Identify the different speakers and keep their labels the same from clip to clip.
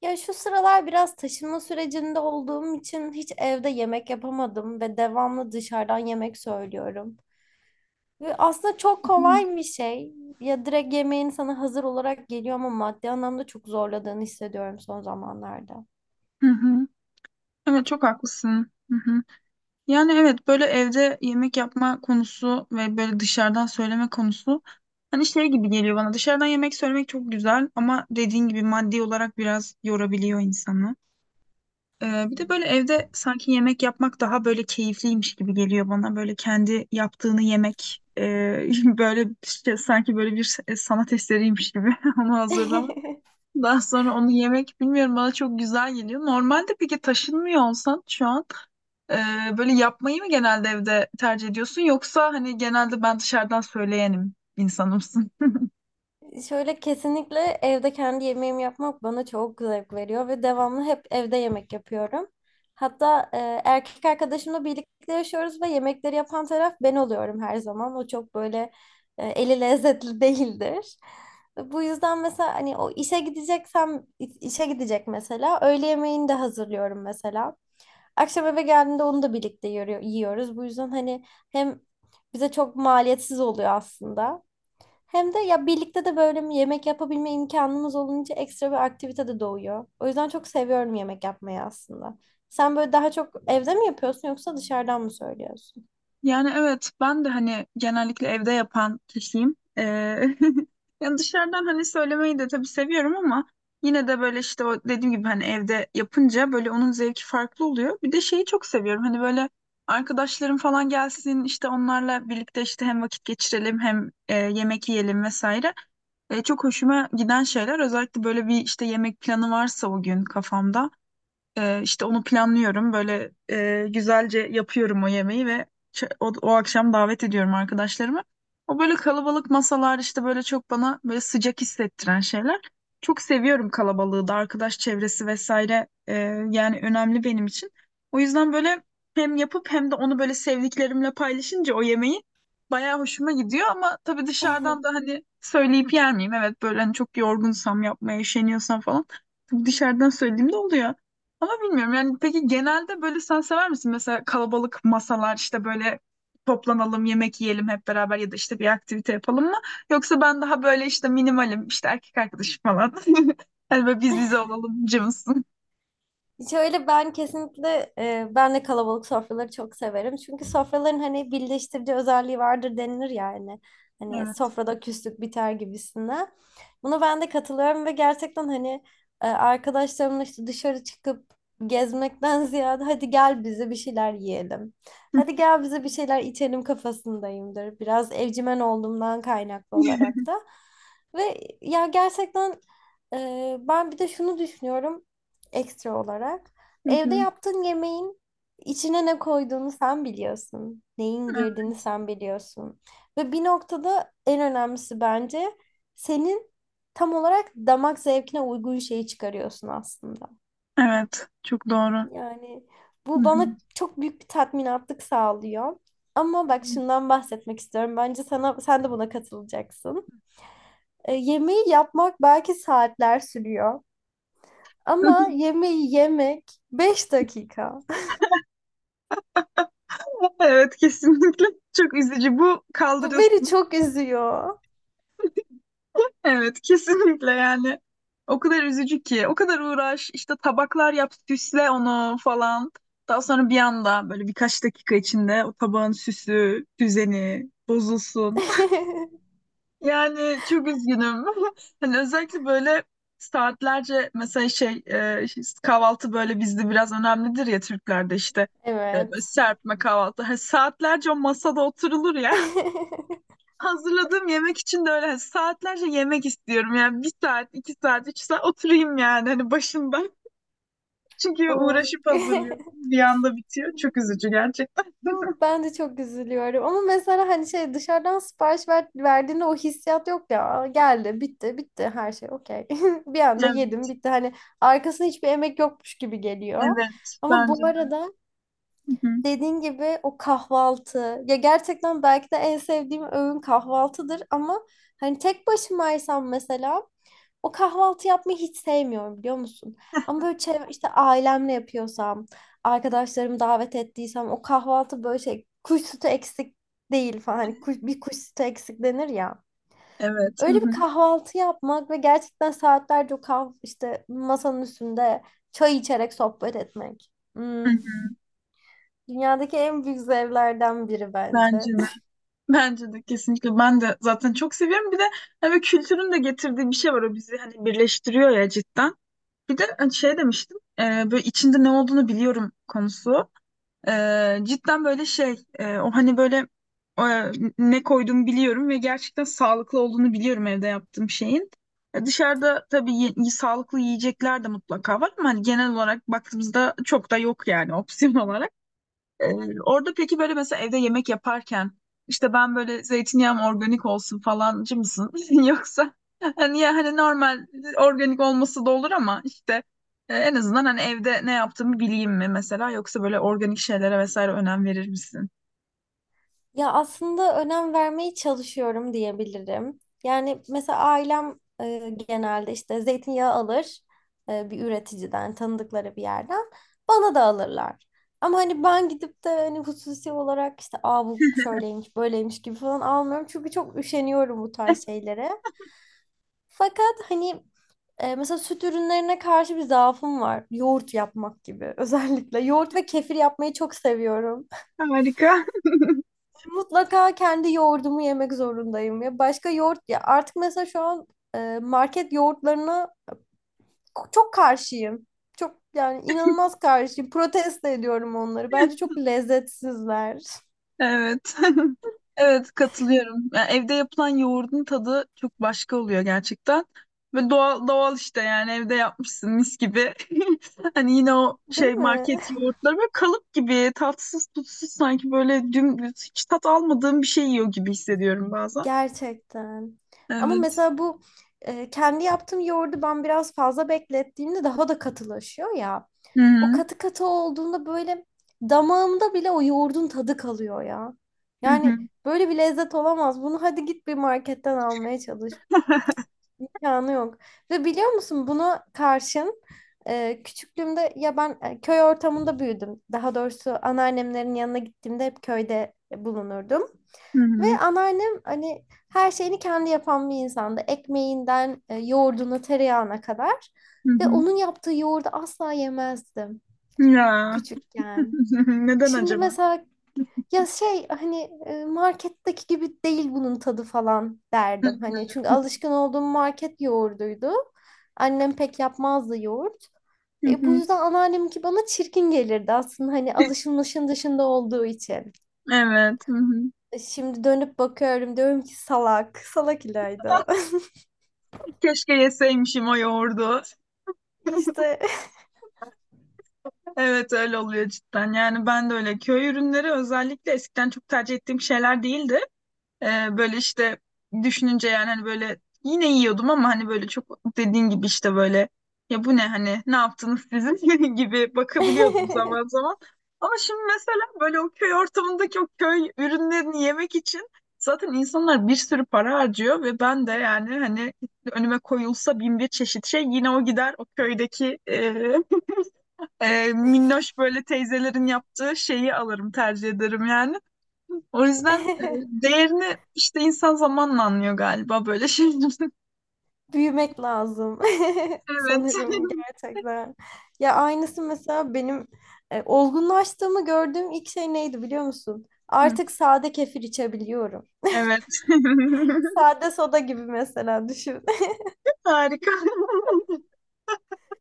Speaker 1: Ya şu sıralar biraz taşınma sürecinde olduğum için hiç evde yemek yapamadım ve devamlı dışarıdan yemek söylüyorum. Ve aslında çok
Speaker 2: Hı
Speaker 1: kolay bir şey. Ya direkt yemeğin sana hazır olarak geliyor ama maddi anlamda çok zorladığını hissediyorum son zamanlarda.
Speaker 2: hı. Evet, çok haklısın. Hı hı. Yani evet, böyle evde yemek yapma konusu ve böyle dışarıdan söyleme konusu hani şey gibi geliyor bana. Dışarıdan yemek söylemek çok güzel ama dediğin gibi maddi olarak biraz yorabiliyor insanı. Bir de böyle evde sanki yemek yapmak daha böyle keyifliymiş gibi geliyor bana. Böyle kendi yaptığını yemek böyle işte sanki böyle bir sanat eseriymiş gibi onu hazırlamak. Daha sonra onu yemek, bilmiyorum, bana çok güzel geliyor. Normalde peki taşınmıyor olsan şu an e, böyle yapmayı mı genelde evde tercih ediyorsun, yoksa hani genelde ben dışarıdan söyleyenim insanımsın?
Speaker 1: Şöyle kesinlikle evde kendi yemeğimi yapmak bana çok zevk veriyor ve devamlı hep evde yemek yapıyorum. Hatta erkek arkadaşımla birlikte yaşıyoruz ve yemekleri yapan taraf ben oluyorum her zaman. O çok böyle eli lezzetli değildir. Bu yüzden mesela hani o işe gideceksem işe gidecek mesela öğle yemeğini de hazırlıyorum mesela. Akşam eve geldiğinde onu da birlikte yiyoruz. Bu yüzden hani hem bize çok maliyetsiz oluyor aslında. Hem de ya birlikte de böyle bir yemek yapabilme imkanımız olunca ekstra bir aktivite de doğuyor. O yüzden çok seviyorum yemek yapmayı aslında. Sen böyle daha çok evde mi yapıyorsun yoksa dışarıdan mı söylüyorsun?
Speaker 2: Yani evet, ben de hani genellikle evde yapan kişiyim. Yani dışarıdan hani söylemeyi de tabii seviyorum ama yine de böyle işte o dediğim gibi hani evde yapınca böyle onun zevki farklı oluyor. Bir de şeyi çok seviyorum, hani böyle arkadaşlarım falan gelsin, işte onlarla birlikte işte hem vakit geçirelim hem yemek yiyelim vesaire. Çok hoşuma giden şeyler özellikle böyle bir işte yemek planı varsa o gün kafamda. İşte onu planlıyorum. Böyle güzelce yapıyorum o yemeği ve o akşam davet ediyorum arkadaşlarımı. O böyle kalabalık masalar işte böyle çok bana böyle sıcak hissettiren şeyler. Çok seviyorum kalabalığı da, arkadaş çevresi vesaire, yani önemli benim için. O yüzden böyle hem yapıp hem de onu böyle sevdiklerimle paylaşınca o yemeği bayağı hoşuma gidiyor ama tabii dışarıdan da hani söyleyip yer miyim? Evet, böyle hani çok yorgunsam, yapmaya üşeniyorsam falan tabii dışarıdan söylediğimde oluyor. Ama bilmiyorum yani, peki genelde böyle sen sever misin? Mesela kalabalık masalar, işte böyle toplanalım yemek yiyelim hep beraber ya da işte bir aktivite yapalım mı? Yoksa ben daha böyle işte minimalim, işte erkek arkadaşım falan. Hani böyle biz bize olalım cımsın.
Speaker 1: Şöyle ben kesinlikle ben de kalabalık sofraları çok severim. Çünkü sofraların hani birleştirici özelliği vardır denilir yani. Hani
Speaker 2: Evet.
Speaker 1: sofrada küslük biter gibisine. Buna ben de katılıyorum ve gerçekten hani arkadaşlarımla işte dışarı çıkıp gezmekten ziyade hadi gel bize bir şeyler yiyelim. Hadi gel bize bir şeyler içelim kafasındayımdır. Biraz evcimen olduğumdan kaynaklı olarak da. Ve ya gerçekten ben bir de şunu düşünüyorum ekstra olarak.
Speaker 2: Hı
Speaker 1: Evde
Speaker 2: hı.
Speaker 1: yaptığın yemeğin içine ne koyduğunu sen biliyorsun. Neyin girdiğini sen biliyorsun. Ve bir noktada en önemlisi bence senin tam olarak damak zevkine uygun şeyi çıkarıyorsun aslında.
Speaker 2: Evet, çok doğru.
Speaker 1: Yani
Speaker 2: Hı
Speaker 1: bu
Speaker 2: hı.
Speaker 1: bana çok büyük bir tatminatlık sağlıyor. Ama bak şundan bahsetmek istiyorum. Bence sana sen de buna katılacaksın. Yemeği yapmak belki saatler sürüyor. Ama yemeği yemek 5 dakika.
Speaker 2: Evet, kesinlikle çok üzücü, bu
Speaker 1: Bu beni
Speaker 2: kaldırılsın.
Speaker 1: çok üzüyor.
Speaker 2: Evet, kesinlikle yani. O kadar üzücü ki. O kadar uğraş, işte tabaklar yap, süsle onu falan. Daha sonra bir anda böyle birkaç dakika içinde o tabağın süsü, düzeni bozulsun. Yani çok üzgünüm. Hani özellikle böyle saatlerce, mesela şey, kahvaltı böyle bizde biraz önemlidir ya, Türklerde işte. Böyle
Speaker 1: Evet.
Speaker 2: serpme kahvaltı. Hani saatlerce o masada oturulur ya, hazırladığım yemek için de öyle, hani saatlerce yemek istiyorum. Yani bir saat, 2 saat, 3 saat oturayım yani hani başında. Çünkü
Speaker 1: Of.
Speaker 2: uğraşıp hazırlıyorsun. Bir anda bitiyor. Çok üzücü gerçekten.
Speaker 1: Hı, ben de çok üzülüyorum. Ama mesela hani şey dışarıdan sipariş ver, verdiğinde o hissiyat yok ya. Geldi, bitti, bitti her şey okey. Bir anda
Speaker 2: Evet,
Speaker 1: yedim, bitti. Hani arkasında hiçbir emek yokmuş gibi geliyor.
Speaker 2: evet.
Speaker 1: Ama
Speaker 2: Bence
Speaker 1: bu
Speaker 2: de.
Speaker 1: arada
Speaker 2: Hı hı.
Speaker 1: dediğin gibi o kahvaltı. Ya gerçekten belki de en sevdiğim öğün kahvaltıdır ama hani tek başımaysam mesela o kahvaltı yapmayı hiç sevmiyorum biliyor musun? Ama böyle çevre, işte ailemle yapıyorsam, arkadaşlarımı davet ettiysem o kahvaltı böyle şey kuş sütü eksik değil falan. Hani kuş, bir kuş sütü eksik denir ya.
Speaker 2: Evet. Hı
Speaker 1: Öyle
Speaker 2: hı.
Speaker 1: bir kahvaltı yapmak ve gerçekten saatlerce o kah işte masanın üstünde çay içerek sohbet etmek.
Speaker 2: Hı
Speaker 1: Hmm.
Speaker 2: hı.
Speaker 1: Dünyadaki en büyük zevklerden biri
Speaker 2: Bence
Speaker 1: bence.
Speaker 2: de. Bence de, kesinlikle. Ben de zaten çok seviyorum. Bir de hani kültürün de getirdiği bir şey var. O bizi hani birleştiriyor ya, cidden. Bir de hani şey demiştim. Böyle içinde ne olduğunu biliyorum konusu. Cidden böyle şey, o hani böyle e, ne koyduğumu biliyorum ve gerçekten sağlıklı olduğunu biliyorum evde yaptığım şeyin. Dışarıda tabii sağlıklı yiyecekler de mutlaka var ama hani genel olarak baktığımızda çok da yok yani opsiyon olarak. Orada peki böyle, mesela evde yemek yaparken işte ben böyle zeytinyağım organik olsun falancı mısın? Yoksa hani, ya hani normal organik olması da olur ama işte en azından hani evde ne yaptığımı bileyim mi mesela, yoksa böyle organik şeylere vesaire önem verir misin?
Speaker 1: Ya aslında önem vermeye çalışıyorum diyebilirim. Yani mesela ailem genelde işte zeytinyağı alır bir üreticiden, tanıdıkları bir yerden. Bana da alırlar. Ama hani ben gidip de hani hususi olarak işte aa, bu şöyleymiş, böyleymiş gibi falan almıyorum. Çünkü çok üşeniyorum bu tarz şeylere. Fakat hani mesela süt ürünlerine karşı bir zaafım var. Yoğurt yapmak gibi özellikle. Yoğurt ve kefir yapmayı çok seviyorum.
Speaker 2: Harika.
Speaker 1: Mutlaka kendi yoğurdumu yemek zorundayım ya. Başka yoğurt ya artık mesela şu an market yoğurtlarına çok karşıyım. Çok yani inanılmaz karşıyım. Protesto ediyorum onları. Bence çok lezzetsizler.
Speaker 2: Evet. Evet, katılıyorum. Yani evde yapılan yoğurdun tadı çok başka oluyor gerçekten. Ve doğal doğal işte yani, evde yapmışsın mis gibi. Hani yine o
Speaker 1: Değil
Speaker 2: şey
Speaker 1: mi?
Speaker 2: market yoğurtları böyle kalıp gibi tatsız tutsuz, sanki böyle dümdüz hiç tat almadığım bir şey yiyor gibi hissediyorum bazen.
Speaker 1: Gerçekten. Ama
Speaker 2: Evet.
Speaker 1: mesela bu kendi yaptığım yoğurdu ben biraz fazla beklettiğimde daha da katılaşıyor ya.
Speaker 2: Hı
Speaker 1: O
Speaker 2: hı.
Speaker 1: katı katı olduğunda böyle damağımda bile o yoğurdun tadı kalıyor ya.
Speaker 2: Hı hı.
Speaker 1: Yani böyle bir lezzet olamaz. Bunu hadi git bir marketten almaya çalış. İmkanı yok. Ve biliyor musun buna karşın küçüklüğümde ya ben köy ortamında büyüdüm. Daha doğrusu anneannemlerin yanına gittiğimde hep köyde bulunurdum.
Speaker 2: Hı
Speaker 1: Ve
Speaker 2: hı.
Speaker 1: anneannem hani her şeyini kendi yapan bir insandı. Ekmeğinden yoğurduna, tereyağına kadar.
Speaker 2: Hı
Speaker 1: Ve onun yaptığı yoğurdu asla yemezdim
Speaker 2: hı. Ya.
Speaker 1: küçükken.
Speaker 2: Neden
Speaker 1: Şimdi
Speaker 2: acaba?
Speaker 1: mesela ya şey hani marketteki gibi değil bunun tadı falan
Speaker 2: Hı
Speaker 1: derdim. Hani
Speaker 2: hı.
Speaker 1: çünkü alışkın olduğum market yoğurduydu. Annem pek yapmazdı yoğurt.
Speaker 2: Hı
Speaker 1: Ve bu
Speaker 2: hı.
Speaker 1: yüzden anneanneminki bana çirkin gelirdi aslında hani alışılmışın dışında olduğu için.
Speaker 2: Evet. Hı hı.
Speaker 1: Şimdi dönüp bakıyorum diyorum ki salak. Salak İlayda.
Speaker 2: Keşke yeseymişim o yoğurdu.
Speaker 1: İşte
Speaker 2: Evet, öyle oluyor cidden. Yani ben de öyle. Köy ürünleri özellikle eskiden çok tercih ettiğim şeyler değildi. Böyle işte düşününce, yani hani böyle yine yiyordum ama hani böyle çok dediğin gibi işte böyle ya, bu ne, hani ne yaptınız sizin gibi bakabiliyordum zaman zaman. Ama şimdi mesela böyle o köy ortamındaki o köy ürünlerini yemek için zaten insanlar bir sürü para harcıyor ve ben de yani hani önüme koyulsa bin bir çeşit şey, yine o gider, o köydeki minnoş böyle teyzelerin yaptığı şeyi alırım, tercih ederim yani. O yüzden değerini işte insan zamanla anlıyor galiba böyle şeylerin.
Speaker 1: büyümek lazım
Speaker 2: Evet.
Speaker 1: sanırım gerçekten. Ya aynısı mesela benim olgunlaştığımı gördüğüm ilk şey neydi biliyor musun?
Speaker 2: Hı,
Speaker 1: Artık sade kefir içebiliyorum.
Speaker 2: evet.
Speaker 1: Sade soda gibi mesela düşün.
Speaker 2: Harika.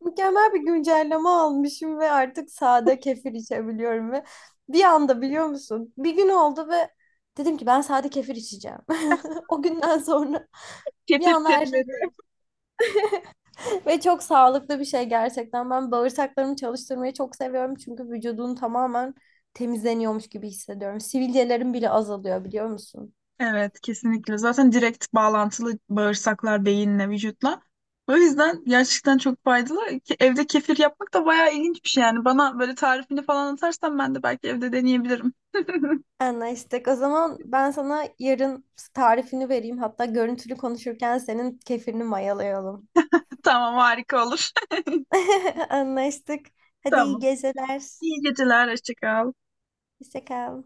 Speaker 1: Mükemmel bir güncelleme almışım ve artık sade kefir içebiliyorum ve bir anda biliyor musun? Bir gün oldu ve dedim ki ben sade kefir içeceğim. O günden sonra bir
Speaker 2: Getir
Speaker 1: anda her şey
Speaker 2: perileri.
Speaker 1: değişti. Ve çok sağlıklı bir şey gerçekten. Ben bağırsaklarımı çalıştırmayı çok seviyorum çünkü vücudun tamamen temizleniyormuş gibi hissediyorum. Sivilcelerim bile azalıyor biliyor musun?
Speaker 2: Evet, kesinlikle. Zaten direkt bağlantılı, bağırsaklar beyinle, vücutla. O yüzden gerçekten çok faydalı. Ki evde kefir yapmak da bayağı ilginç bir şey yani. Bana böyle tarifini falan atarsan ben de belki evde deneyebilirim.
Speaker 1: Anlaştık. O zaman ben sana yarın tarifini vereyim. Hatta görüntülü konuşurken senin kefirini mayalayalım.
Speaker 2: Tamam, harika olur.
Speaker 1: Anlaştık. Hadi iyi
Speaker 2: Tamam.
Speaker 1: geceler.
Speaker 2: İyi geceler. Hoşça kal.
Speaker 1: Hoşça kal.